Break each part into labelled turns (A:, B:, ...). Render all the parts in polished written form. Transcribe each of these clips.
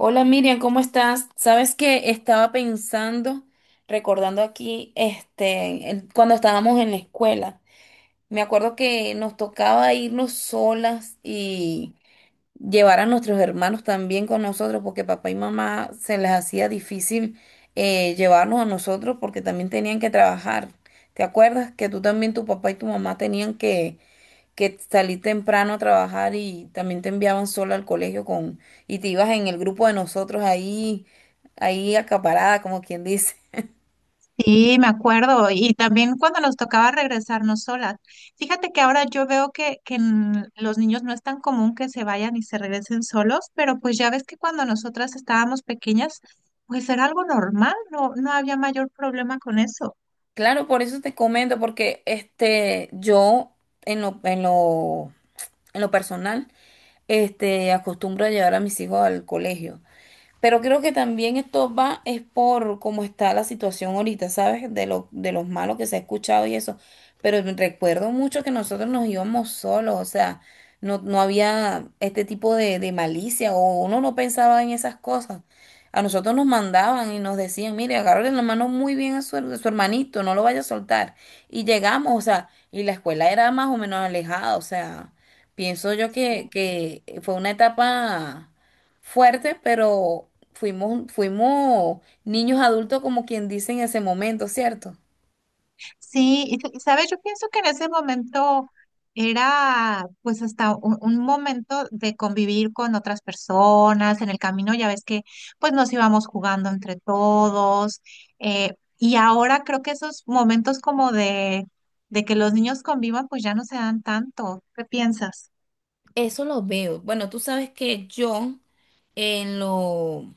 A: Hola Miriam, ¿cómo estás? Sabes que estaba pensando, recordando aquí, este, cuando estábamos en la escuela, me acuerdo que nos tocaba irnos solas y llevar a nuestros hermanos también con nosotros, porque papá y mamá se les hacía difícil llevarnos a nosotros porque también tenían que trabajar. ¿Te acuerdas que tú también, tu papá y tu mamá tenían que salí temprano a trabajar y también te enviaban sola al colegio con, y te ibas en el grupo de nosotros ahí, ahí acaparada, como quien dice?
B: Sí, me acuerdo. Y también cuando nos tocaba regresarnos solas. Fíjate que ahora yo veo que en los niños no es tan común que se vayan y se regresen solos, pero pues ya ves que cuando nosotras estábamos pequeñas, pues era algo normal, no había mayor problema con eso.
A: Claro, por eso te comento, porque este, yo en lo, en lo, en lo personal, este, acostumbro a llevar a mis hijos al colegio. Pero creo que también esto va, es por cómo está la situación ahorita, ¿sabes? De los malos que se ha escuchado y eso. Pero me recuerdo mucho que nosotros nos íbamos solos, o sea, no, no había este tipo de malicia o uno no pensaba en esas cosas. A nosotros nos mandaban y nos decían, mire, agárrale la mano muy bien a a su hermanito, no lo vaya a soltar. Y llegamos, o sea, y la escuela era más o menos alejada, o sea, pienso yo que fue una etapa fuerte, pero fuimos niños adultos como quien dice en ese momento, ¿cierto?
B: Sí, y sabes, yo pienso que en ese momento era pues hasta un momento de convivir con otras personas en el camino. Ya ves que pues nos íbamos jugando entre todos, y ahora creo que esos momentos como de que los niños convivan pues ya no se dan tanto. ¿Qué piensas?
A: Eso lo veo. Bueno, tú sabes que yo en lo,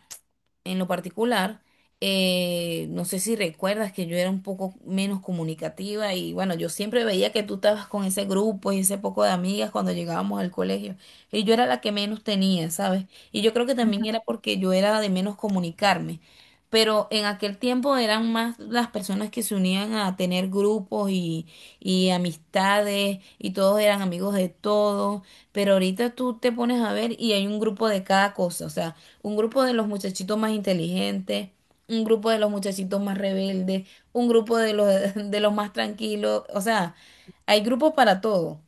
A: en lo particular, no sé si recuerdas que yo era un poco menos comunicativa y bueno, yo siempre veía que tú estabas con ese grupo y ese poco de amigas cuando llegábamos al colegio y yo era la que menos tenía, ¿sabes? Y yo creo que también era
B: Ujú.
A: porque yo era de menos comunicarme. Pero en aquel tiempo eran más las personas que se unían a tener grupos y amistades y todos eran amigos de todos, pero ahorita tú te pones a ver y hay un grupo de cada cosa, o sea, un grupo de los muchachitos más inteligentes, un grupo de los muchachitos más rebeldes, un grupo de los, de los más tranquilos, o sea, hay grupos para todo.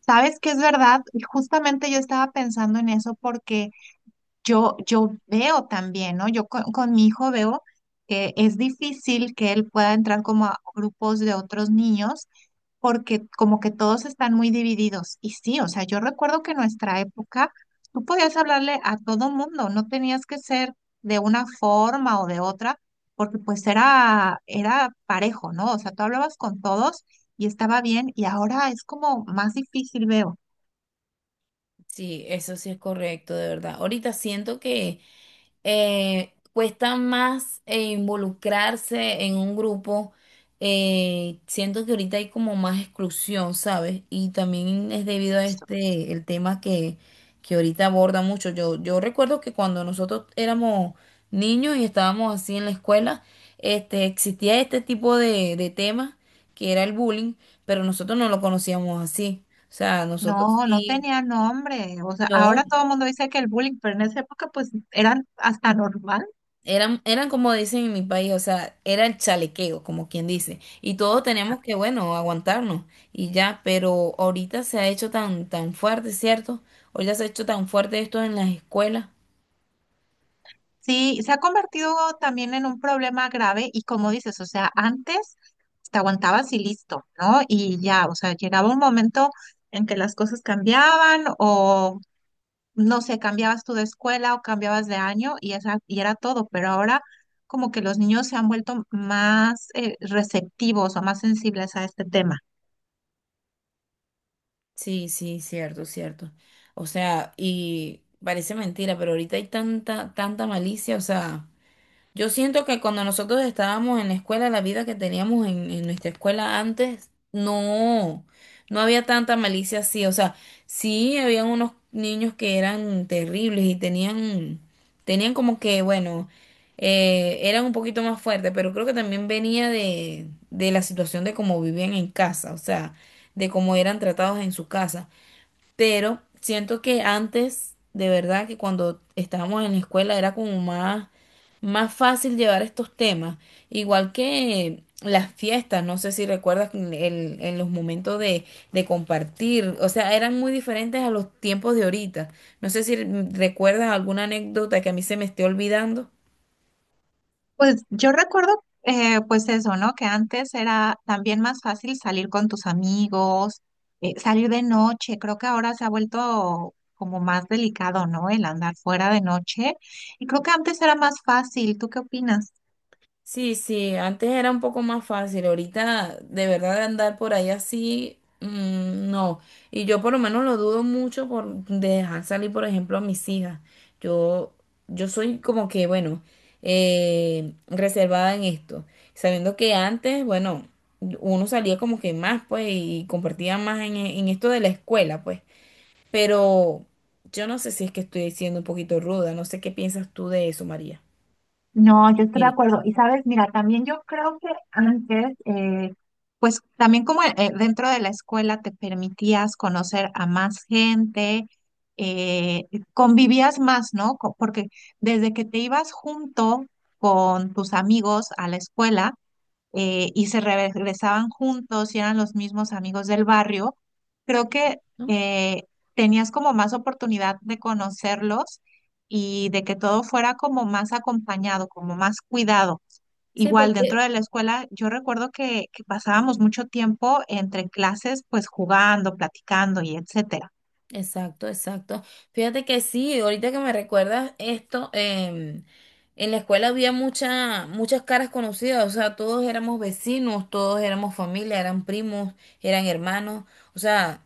B: Sabes que es verdad, y justamente yo estaba pensando en eso porque yo veo también, ¿no? Yo con mi hijo veo que es difícil que él pueda entrar como a grupos de otros niños porque como que todos están muy divididos. Y sí, o sea, yo recuerdo que en nuestra época tú podías hablarle a todo mundo, no tenías que ser de una forma o de otra, porque pues era parejo, ¿no? O sea, tú hablabas con todos y estaba bien, y ahora es como más difícil, veo.
A: Sí, eso sí es correcto, de verdad. Ahorita siento que cuesta más involucrarse en un grupo. Siento que ahorita hay como más exclusión, ¿sabes? Y también es debido a este, el tema que ahorita aborda mucho. Yo recuerdo que cuando nosotros éramos niños y estábamos así en la escuela, este, existía este tipo de temas que era el bullying, pero nosotros no lo conocíamos así. O sea, nosotros
B: No, no
A: sí.
B: tenía nombre. O sea,
A: No,
B: ahora todo el mundo dice que el bullying, pero en esa época pues eran hasta normal.
A: eran, eran como dicen en mi país, o sea, era el chalequeo, como quien dice. Y todos tenemos que, bueno, aguantarnos y ya, pero ahorita se ha hecho tan fuerte, ¿cierto? Ahorita se ha hecho tan fuerte esto en las escuelas.
B: Sí, se ha convertido también en un problema grave, y como dices, o sea, antes te aguantabas y listo, ¿no? Y ya, o sea, llegaba un momento en que las cosas cambiaban o no sé, cambiabas tú de escuela o cambiabas de año, y esa y era todo, pero ahora como que los niños se han vuelto más receptivos o más sensibles a este tema.
A: Sí, sí, cierto, cierto. O sea, y parece mentira, pero ahorita hay tanta malicia, o sea. Yo siento que cuando nosotros estábamos en la escuela, la vida que teníamos en nuestra escuela antes, no, no había tanta malicia así. O sea, sí habían unos niños que eran terribles y tenían, tenían como que, bueno, eran un poquito más fuertes, pero creo que también venía de la situación de cómo vivían en casa, o sea, de cómo eran tratados en su casa, pero siento que antes, de verdad, que cuando estábamos en la escuela era como más fácil llevar estos temas. Igual que las fiestas, no sé si recuerdas en los momentos de compartir, o sea, eran muy diferentes a los tiempos de ahorita. No sé si recuerdas alguna anécdota que a mí se me esté olvidando.
B: Pues yo recuerdo, pues eso, ¿no? Que antes era también más fácil salir con tus amigos, salir de noche. Creo que ahora se ha vuelto como más delicado, ¿no? El andar fuera de noche. Y creo que antes era más fácil. ¿Tú qué opinas?
A: Sí, sí, antes era un poco más fácil, ahorita de verdad andar por ahí así, no. Y yo por lo menos lo dudo mucho por de dejar salir, por ejemplo, a mis hijas. Yo, yo soy como que, bueno, reservada en esto, sabiendo que antes, bueno, uno salía como que más, pues, y compartía más en esto de la escuela, pues. Pero yo no sé si es que estoy siendo un poquito ruda, no sé qué piensas tú de eso, María.
B: No, yo estoy de
A: Mire,
B: acuerdo. Y sabes, mira, también yo creo que antes, pues también como dentro de la escuela te permitías conocer a más gente, eh, convivías más, ¿no? Porque desde que te ibas junto con tus amigos a la escuela, y se regresaban juntos y eran los mismos amigos del barrio, creo que
A: ¿no?
B: eh, tenías como más oportunidad de conocerlos y de que todo fuera como más acompañado, como más cuidado.
A: Sí,
B: Igual dentro
A: porque
B: de la escuela, yo recuerdo que pasábamos mucho tiempo entre clases, pues jugando, platicando y etcétera.
A: exacto, exacto. Fíjate que sí, ahorita que me recuerdas esto, en la escuela había muchas caras conocidas, o sea, todos éramos vecinos, todos éramos familia, eran primos, eran hermanos, o sea,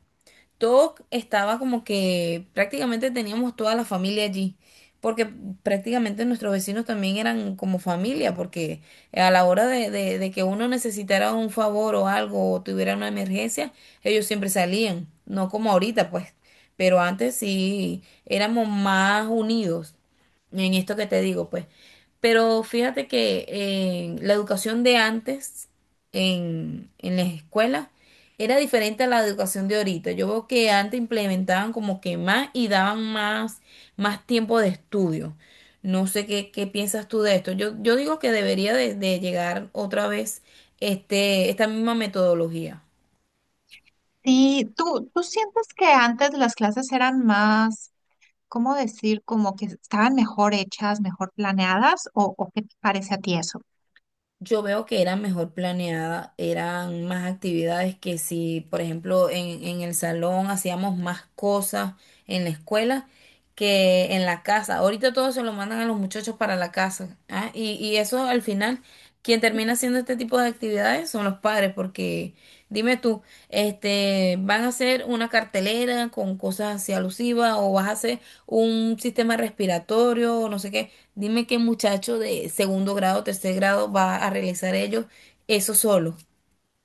A: todo estaba como que prácticamente teníamos toda la familia allí, porque prácticamente nuestros vecinos también eran como familia, porque a la hora de que uno necesitara un favor o algo o tuviera una emergencia, ellos siempre salían, no como ahorita pues, pero antes sí éramos más unidos en esto que te digo pues. Pero fíjate que la educación de antes en las escuelas era diferente a la educación de ahorita. Yo veo que antes implementaban como que más y daban más tiempo de estudio. No sé qué piensas tú de esto. Yo digo que debería de llegar otra vez este, esta misma metodología.
B: Sí, tú sientes que antes las clases eran más, ¿cómo decir? Como que estaban mejor hechas, mejor planeadas, o qué te parece a ti eso?
A: Yo veo que era mejor planeada, eran más actividades que si, por ejemplo, en el salón hacíamos más cosas en la escuela que en la casa. Ahorita todo se lo mandan a los muchachos para la casa, ¿ah? Y eso al final, quien termina haciendo este tipo de actividades son los padres, porque dime tú, este, van a hacer una cartelera con cosas así alusivas o vas a hacer un sistema respiratorio o no sé qué. Dime qué muchacho de segundo grado, tercer grado va a realizar ellos eso solo.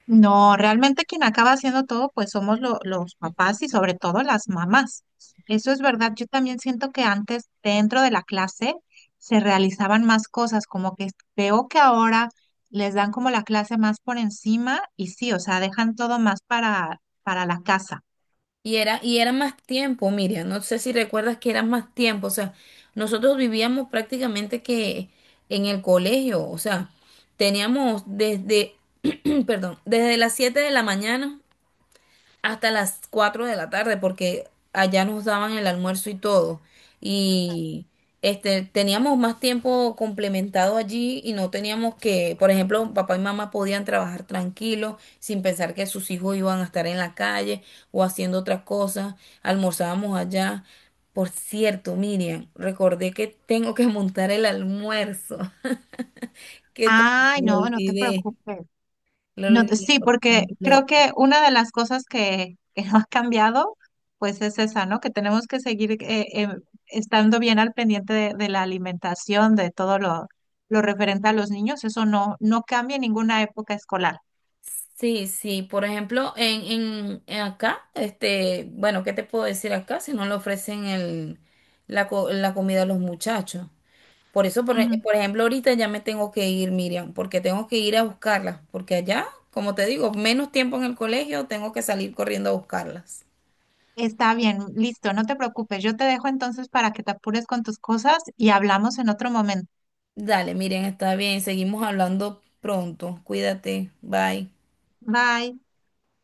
B: No, realmente quien acaba haciendo todo, pues somos los papás y sobre todo las mamás. Eso es verdad. Yo también siento que antes dentro de la clase se realizaban más cosas, como que veo que ahora les dan como la clase más por encima y sí, o sea, dejan todo más para la casa.
A: Y era más tiempo, Miriam. No sé si recuerdas que era más tiempo. O sea, nosotros vivíamos prácticamente que en el colegio. O sea, teníamos desde, perdón, desde las 7 de la mañana hasta las 4 de la tarde, porque allá nos daban el almuerzo y todo. Y este, teníamos más tiempo complementado allí y no teníamos que, por ejemplo, papá y mamá podían trabajar tranquilos sin pensar que sus hijos iban a estar en la calle o haciendo otras cosas. Almorzábamos allá. Por cierto, Miriam, recordé que tengo que montar el almuerzo. Que todo
B: Ay,
A: lo
B: no, no te
A: olvidé,
B: preocupes.
A: lo
B: No,
A: olvidé
B: sí,
A: por
B: porque
A: completo.
B: creo que una de las cosas que no ha cambiado, pues es esa, ¿no? Que tenemos que seguir estando bien al pendiente de la alimentación, de todo lo referente a los niños. Eso no, no cambia en ninguna época escolar.
A: Sí, sí, por ejemplo, en acá, este, bueno, ¿qué te puedo decir acá si no le ofrecen la comida a los muchachos? Por eso,
B: Ujú.
A: por ejemplo, ahorita ya me tengo que ir, Miriam, porque tengo que ir a buscarlas, porque allá, como te digo, menos tiempo en el colegio, tengo que salir corriendo a buscarlas.
B: Está bien, listo, no te preocupes. Yo te dejo entonces para que te apures con tus cosas y hablamos en otro momento.
A: Dale, Miriam, está bien, seguimos hablando pronto, cuídate, bye.
B: Bye.